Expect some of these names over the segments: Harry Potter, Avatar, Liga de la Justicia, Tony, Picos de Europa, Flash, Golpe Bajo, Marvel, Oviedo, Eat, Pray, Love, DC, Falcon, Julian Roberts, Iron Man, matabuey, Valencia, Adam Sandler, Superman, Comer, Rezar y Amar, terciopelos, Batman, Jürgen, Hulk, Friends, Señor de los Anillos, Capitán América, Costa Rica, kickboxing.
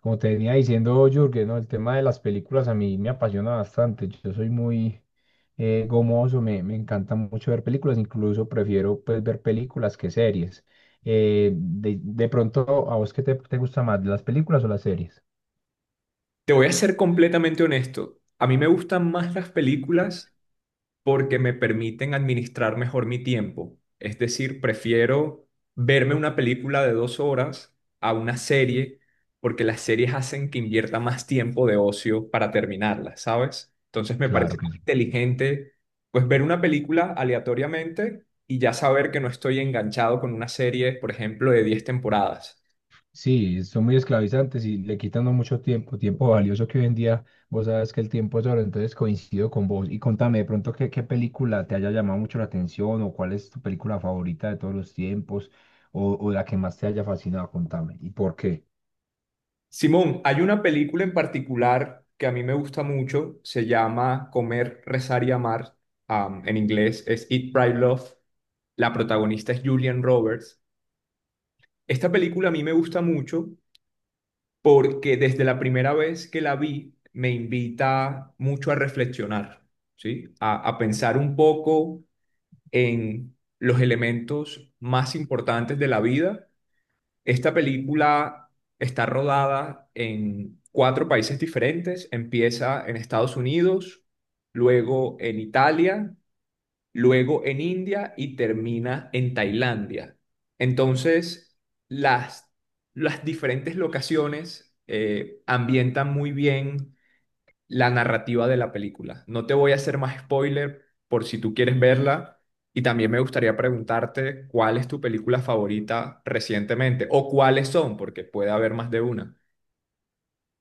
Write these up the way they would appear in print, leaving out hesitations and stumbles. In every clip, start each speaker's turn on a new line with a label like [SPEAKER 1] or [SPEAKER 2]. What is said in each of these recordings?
[SPEAKER 1] Como te venía diciendo Jürgen, ¿no? El tema de las películas a mí me apasiona bastante. Yo soy muy gomoso, me encanta mucho ver películas, incluso prefiero pues ver películas que series. De pronto, ¿a vos qué te gusta más, las películas o las series?
[SPEAKER 2] Te voy a ser completamente honesto. A mí me gustan más las películas porque me permiten administrar mejor mi tiempo. Es decir, prefiero verme una película de 2 horas a una serie porque las series hacen que invierta más tiempo de ocio para terminarlas, ¿sabes? Entonces me
[SPEAKER 1] Claro
[SPEAKER 2] parece
[SPEAKER 1] que
[SPEAKER 2] más
[SPEAKER 1] sí.
[SPEAKER 2] inteligente pues ver una película aleatoriamente y ya saber que no estoy enganchado con una serie, por ejemplo, de 10 temporadas.
[SPEAKER 1] Sí, son muy esclavizantes y le quitan a uno mucho tiempo, tiempo valioso que hoy en día vos sabes que el tiempo es oro, entonces coincido con vos. Y contame de pronto qué película te haya llamado mucho la atención o cuál es tu película favorita de todos los tiempos o la que más te haya fascinado, contame. ¿Y por qué?
[SPEAKER 2] Simón, hay una película en particular que a mí me gusta mucho, se llama Comer, Rezar y Amar, en inglés es Eat, Pray, Love, la protagonista es Julian Roberts. Esta película a mí me gusta mucho porque desde la primera vez que la vi me invita mucho a reflexionar, ¿sí? A pensar un poco en los elementos más importantes de la vida. Esta película está rodada en 4 países diferentes. Empieza en Estados Unidos, luego en Italia, luego en India y termina en Tailandia. Entonces, las, las diferentes locaciones ambientan muy bien la narrativa de la película. No te voy a hacer más spoiler por si tú quieres verla, y también me gustaría preguntarte cuál es tu película favorita recientemente o cuáles son, porque puede haber más de una.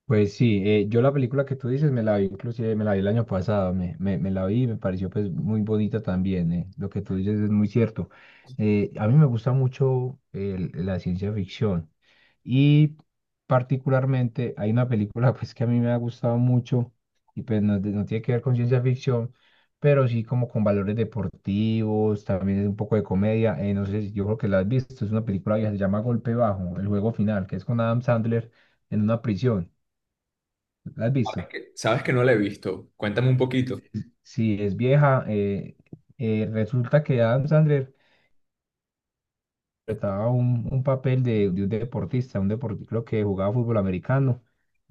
[SPEAKER 1] Pues sí, yo la película que tú dices me la vi, inclusive me la vi el año pasado, me la vi y me pareció pues muy bonita también, lo que tú dices es muy cierto. A mí me gusta mucho la ciencia ficción y particularmente hay una película pues que a mí me ha gustado mucho y pues no, no tiene que ver con ciencia ficción, pero sí como con valores deportivos, también es un poco de comedia, no sé, yo creo que la has visto, es una película que se llama Golpe Bajo, el juego final, que es con Adam Sandler en una prisión. ¿La has visto?
[SPEAKER 2] Sabes que no la he visto. Cuéntame un poquito.
[SPEAKER 1] Sí, es vieja. Resulta que Adam Sandler interpretaba un papel de un deportista, creo que jugaba fútbol americano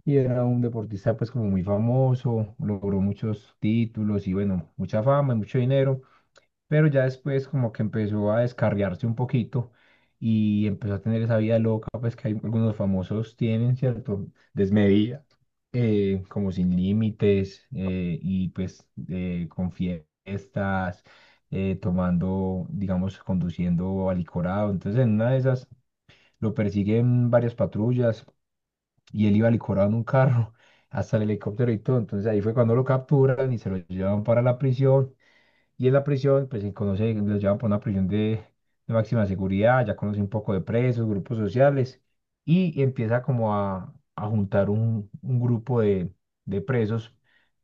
[SPEAKER 1] y era un deportista pues como muy famoso, logró muchos títulos y bueno, mucha fama y mucho dinero. Pero ya después como que empezó a descarriarse un poquito y empezó a tener esa vida loca, pues que algunos famosos tienen, ¿cierto? Desmedida, como sin límites y pues con fiestas, tomando, digamos, conduciendo alicorado. Entonces en una de esas lo persiguen varias patrullas y él iba alicorado en un carro. Hasta el helicóptero y todo, entonces ahí fue cuando lo capturan y se lo llevan para la prisión y en la prisión, pues se conoce, los llevan para una prisión de máxima seguridad, ya conoce un poco de presos, grupos sociales, y empieza como a juntar un grupo de presos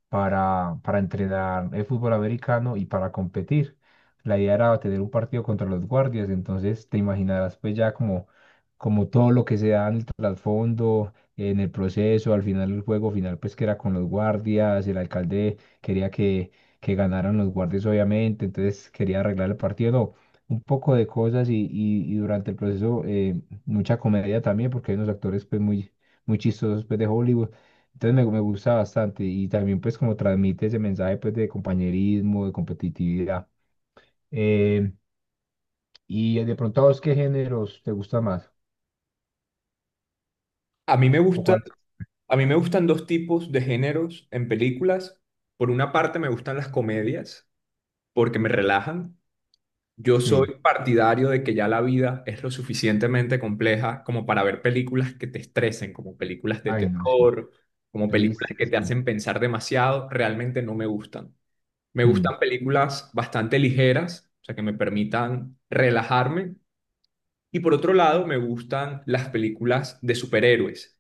[SPEAKER 1] para entrenar el fútbol americano y para competir. La idea era tener un partido contra los guardias, entonces te imaginarás pues ya como, como todo lo que se da en el trasfondo, en el proceso, al final el juego final pues que era con los guardias, el alcalde quería que ganaran los guardias obviamente, entonces quería arreglar el partido, no, un poco de cosas y durante el proceso mucha comedia también porque hay unos actores pues muy, muy chistosos pues de Hollywood. Entonces me gusta bastante y también pues como transmite ese mensaje pues de compañerismo, de competitividad. Eh, y de pronto a vos, ¿qué géneros te gusta más?
[SPEAKER 2] A mí me
[SPEAKER 1] ¿O
[SPEAKER 2] gustan,
[SPEAKER 1] cuáles?
[SPEAKER 2] a mí me gustan dos tipos de géneros en películas. Por una parte me gustan las comedias porque me relajan. Yo
[SPEAKER 1] Sí.
[SPEAKER 2] soy partidario de que ya la vida es lo suficientemente compleja como para ver películas que te estresen, como películas de
[SPEAKER 1] Ay, no, sí.
[SPEAKER 2] terror, como películas
[SPEAKER 1] Triste,
[SPEAKER 2] que te
[SPEAKER 1] sí.
[SPEAKER 2] hacen pensar demasiado, realmente no me gustan. Me
[SPEAKER 1] Mm,
[SPEAKER 2] gustan películas bastante ligeras, o sea, que me permitan relajarme. Y por otro lado, me gustan las películas de superhéroes.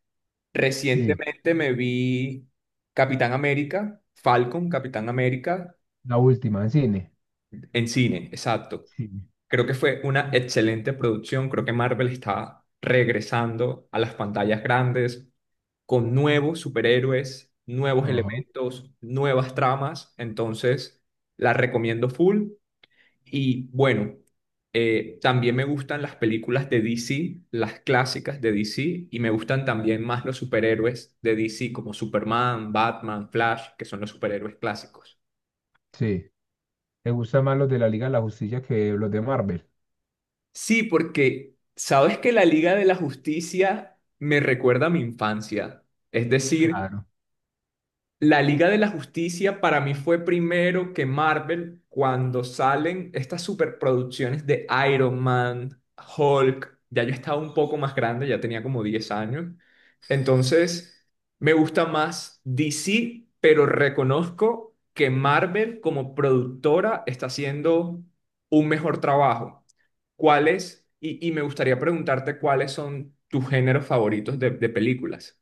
[SPEAKER 1] sí.
[SPEAKER 2] Recientemente me vi Capitán América, Falcon, Capitán América,
[SPEAKER 1] La última, en cine.
[SPEAKER 2] en cine, exacto.
[SPEAKER 1] Sí.
[SPEAKER 2] Creo que fue una excelente producción. Creo que Marvel está regresando a las pantallas grandes con nuevos superhéroes, nuevos
[SPEAKER 1] Ajá.
[SPEAKER 2] elementos, nuevas tramas. Entonces, la recomiendo full. Y bueno, también me gustan las películas de DC, las clásicas de DC, y me gustan también más los superhéroes de DC como Superman, Batman, Flash, que son los superhéroes clásicos.
[SPEAKER 1] Sí. ¿Te gustan más los de la Liga de la Justicia que los de Marvel?
[SPEAKER 2] Sí, porque sabes que la Liga de la Justicia me recuerda a mi infancia. Es decir,
[SPEAKER 1] Claro.
[SPEAKER 2] la Liga de la Justicia para mí fue primero que Marvel cuando salen estas superproducciones de Iron Man, Hulk. Ya yo estaba un poco más grande, ya tenía como 10 años. Entonces, me gusta más DC, pero reconozco que Marvel como productora está haciendo un mejor trabajo. Y me gustaría preguntarte cuáles son tus géneros favoritos de películas.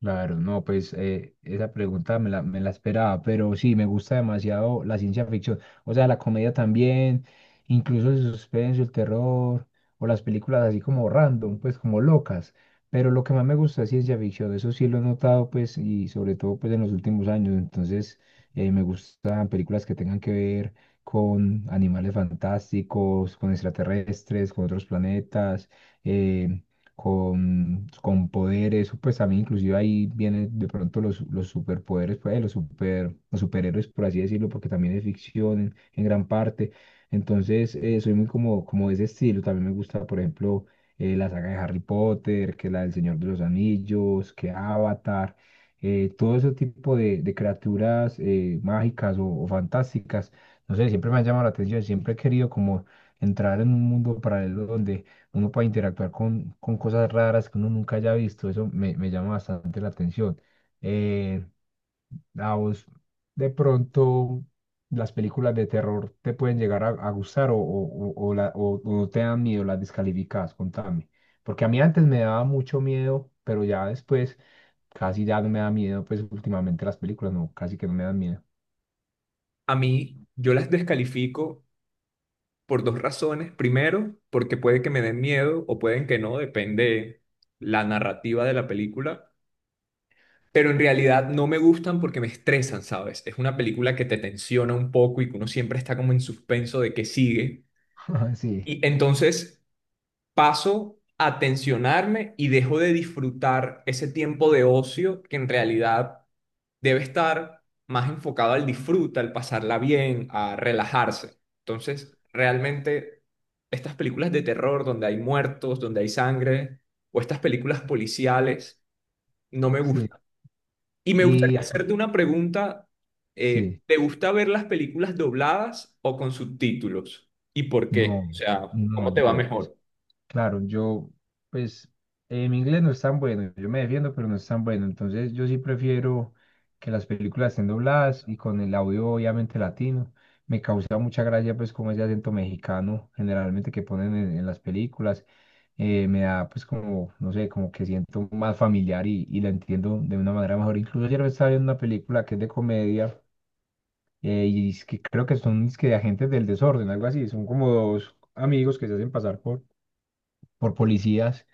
[SPEAKER 1] Claro, no, pues esa pregunta me me la esperaba, pero sí, me gusta demasiado la ciencia ficción, o sea, la comedia también, incluso el suspenso, el terror, o las películas así como random, pues como locas, pero lo que más me gusta es ciencia ficción, eso sí lo he notado, pues, y sobre todo, pues, en los últimos años, entonces, me gustan películas que tengan que ver con animales fantásticos, con extraterrestres, con otros planetas, eh, con poderes, o pues también inclusive ahí vienen de pronto los superpoderes, pues los super, los superhéroes, por así decirlo, porque también es ficción en gran parte. Entonces, soy muy como, como de ese estilo. También me gusta, por ejemplo, la saga de Harry Potter, que la del Señor de los Anillos, que Avatar, todo ese tipo de criaturas mágicas o fantásticas. No sé, siempre me han llamado la atención, siempre he querido como entrar en un mundo paralelo donde uno puede interactuar con cosas raras que uno nunca haya visto, eso me llama bastante la atención. Eh, a vos, de pronto, las películas de terror te pueden llegar a gustar o no te dan miedo, las descalificas, contame. Porque a mí antes me daba mucho miedo, pero ya después casi ya no me da miedo, pues últimamente las películas no, casi que no me dan miedo.
[SPEAKER 2] A mí, yo las descalifico por dos razones. Primero, porque puede que me den miedo o pueden que no, depende la narrativa de la película. Pero en realidad no me gustan porque me estresan, ¿sabes? Es una película que te tensiona un poco y que uno siempre está como en suspenso de qué sigue.
[SPEAKER 1] Sí,
[SPEAKER 2] Y entonces paso a tensionarme y dejo de disfrutar ese tiempo de ocio que en realidad debe estar más enfocado al disfrute, al pasarla bien, a relajarse. Entonces, realmente estas películas de terror donde hay muertos, donde hay sangre, o estas películas policiales, no me
[SPEAKER 1] sí.
[SPEAKER 2] gustan. Y me
[SPEAKER 1] Y
[SPEAKER 2] gustaría hacerte una pregunta.
[SPEAKER 1] sí,
[SPEAKER 2] ¿Te gusta ver las películas dobladas o con subtítulos? ¿Y por qué? O
[SPEAKER 1] no,
[SPEAKER 2] sea,
[SPEAKER 1] no,
[SPEAKER 2] ¿cómo te va
[SPEAKER 1] yo pues.
[SPEAKER 2] mejor?
[SPEAKER 1] Claro, yo, pues, mi inglés no es tan bueno, yo me defiendo, pero no es tan bueno, entonces yo sí prefiero que las películas estén dobladas y con el audio obviamente latino. Me causa mucha gracia, pues, como ese acento mexicano generalmente que ponen en las películas, me da, pues, como, no sé, como que siento más familiar y la entiendo de una manera mejor. Incluso ayer estaba viendo una película que es de comedia y es que creo que son es que de agentes del desorden, algo así, son como dos amigos que se hacen pasar por policías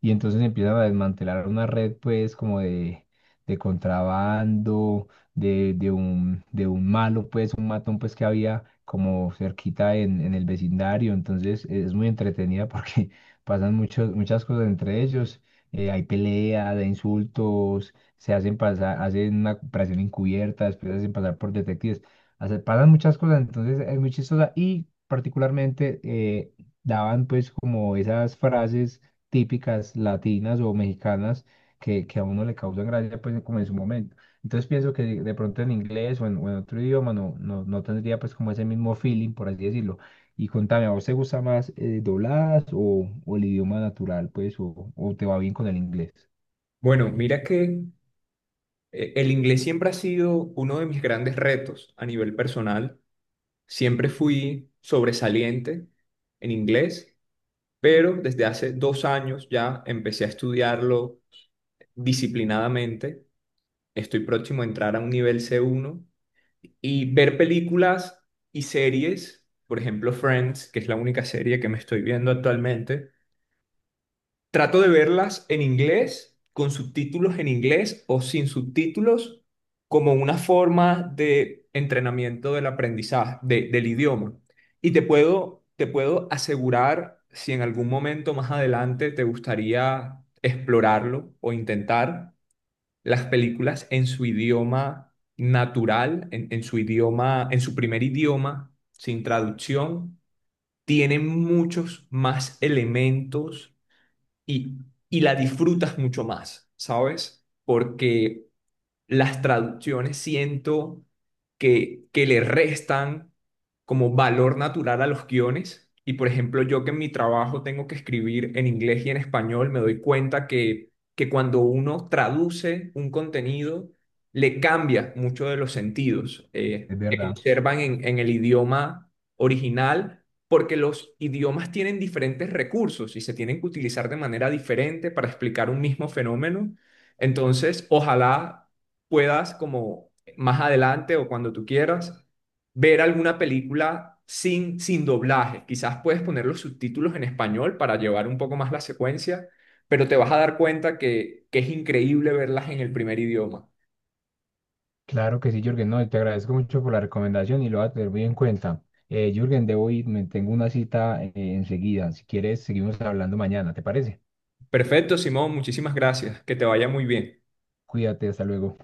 [SPEAKER 1] y entonces empiezan a desmantelar una red pues como de contrabando, de un malo pues, un matón pues que había como cerquita en el vecindario, entonces es muy entretenida porque pasan muchas cosas entre ellos, hay peleas, hay insultos, se hacen pasar, hacen una operación encubierta, después se hacen pasar por detectives, pasan muchas cosas, entonces es muy chistosa y particularmente... daban pues como esas frases típicas latinas o mexicanas que a uno le causan gracia, pues como en su momento. Entonces pienso que de pronto en inglés o o en otro idioma no, no tendría pues como ese mismo feeling, por así decirlo. Y contame, ¿a vos te gusta más dobladas o el idioma natural, pues, o te va bien con el inglés?
[SPEAKER 2] Bueno, mira que el inglés siempre ha sido uno de mis grandes retos a nivel personal. Siempre fui sobresaliente en inglés, pero desde hace 2 años ya empecé a estudiarlo disciplinadamente. Estoy próximo a entrar a un nivel C1 y ver películas y series, por ejemplo Friends, que es la única serie que me estoy viendo actualmente. Trato de verlas en inglés, con subtítulos en inglés o sin subtítulos, como una forma de entrenamiento del aprendizaje, del idioma. Te puedo asegurar, si en algún momento más adelante te gustaría explorarlo o intentar, las películas en su idioma natural, en su idioma, en su primer idioma, sin traducción, tienen muchos más elementos y, y la disfrutas mucho más, ¿sabes? Porque las traducciones siento que le restan como valor natural a los guiones. Y por ejemplo, yo que en mi trabajo tengo que escribir en inglés y en español, me doy cuenta que cuando uno traduce un contenido, le cambia mucho de los sentidos
[SPEAKER 1] Es
[SPEAKER 2] que
[SPEAKER 1] verdad.
[SPEAKER 2] conservan en el idioma original, porque los idiomas tienen diferentes recursos y se tienen que utilizar de manera diferente para explicar un mismo fenómeno. Entonces, ojalá puedas como más adelante o cuando tú quieras ver alguna película sin, sin doblaje. Quizás puedes poner los subtítulos en español para llevar un poco más la secuencia, pero te vas a dar cuenta que es increíble verlas en el primer idioma.
[SPEAKER 1] Claro que sí, Jürgen, no, te agradezco mucho por la recomendación y lo voy a tener muy en cuenta. Jürgen, debo ir, me tengo una cita enseguida. Si quieres, seguimos hablando mañana, ¿te parece?
[SPEAKER 2] Perfecto, Simón, muchísimas gracias. Que te vaya muy bien.
[SPEAKER 1] Cuídate, hasta luego.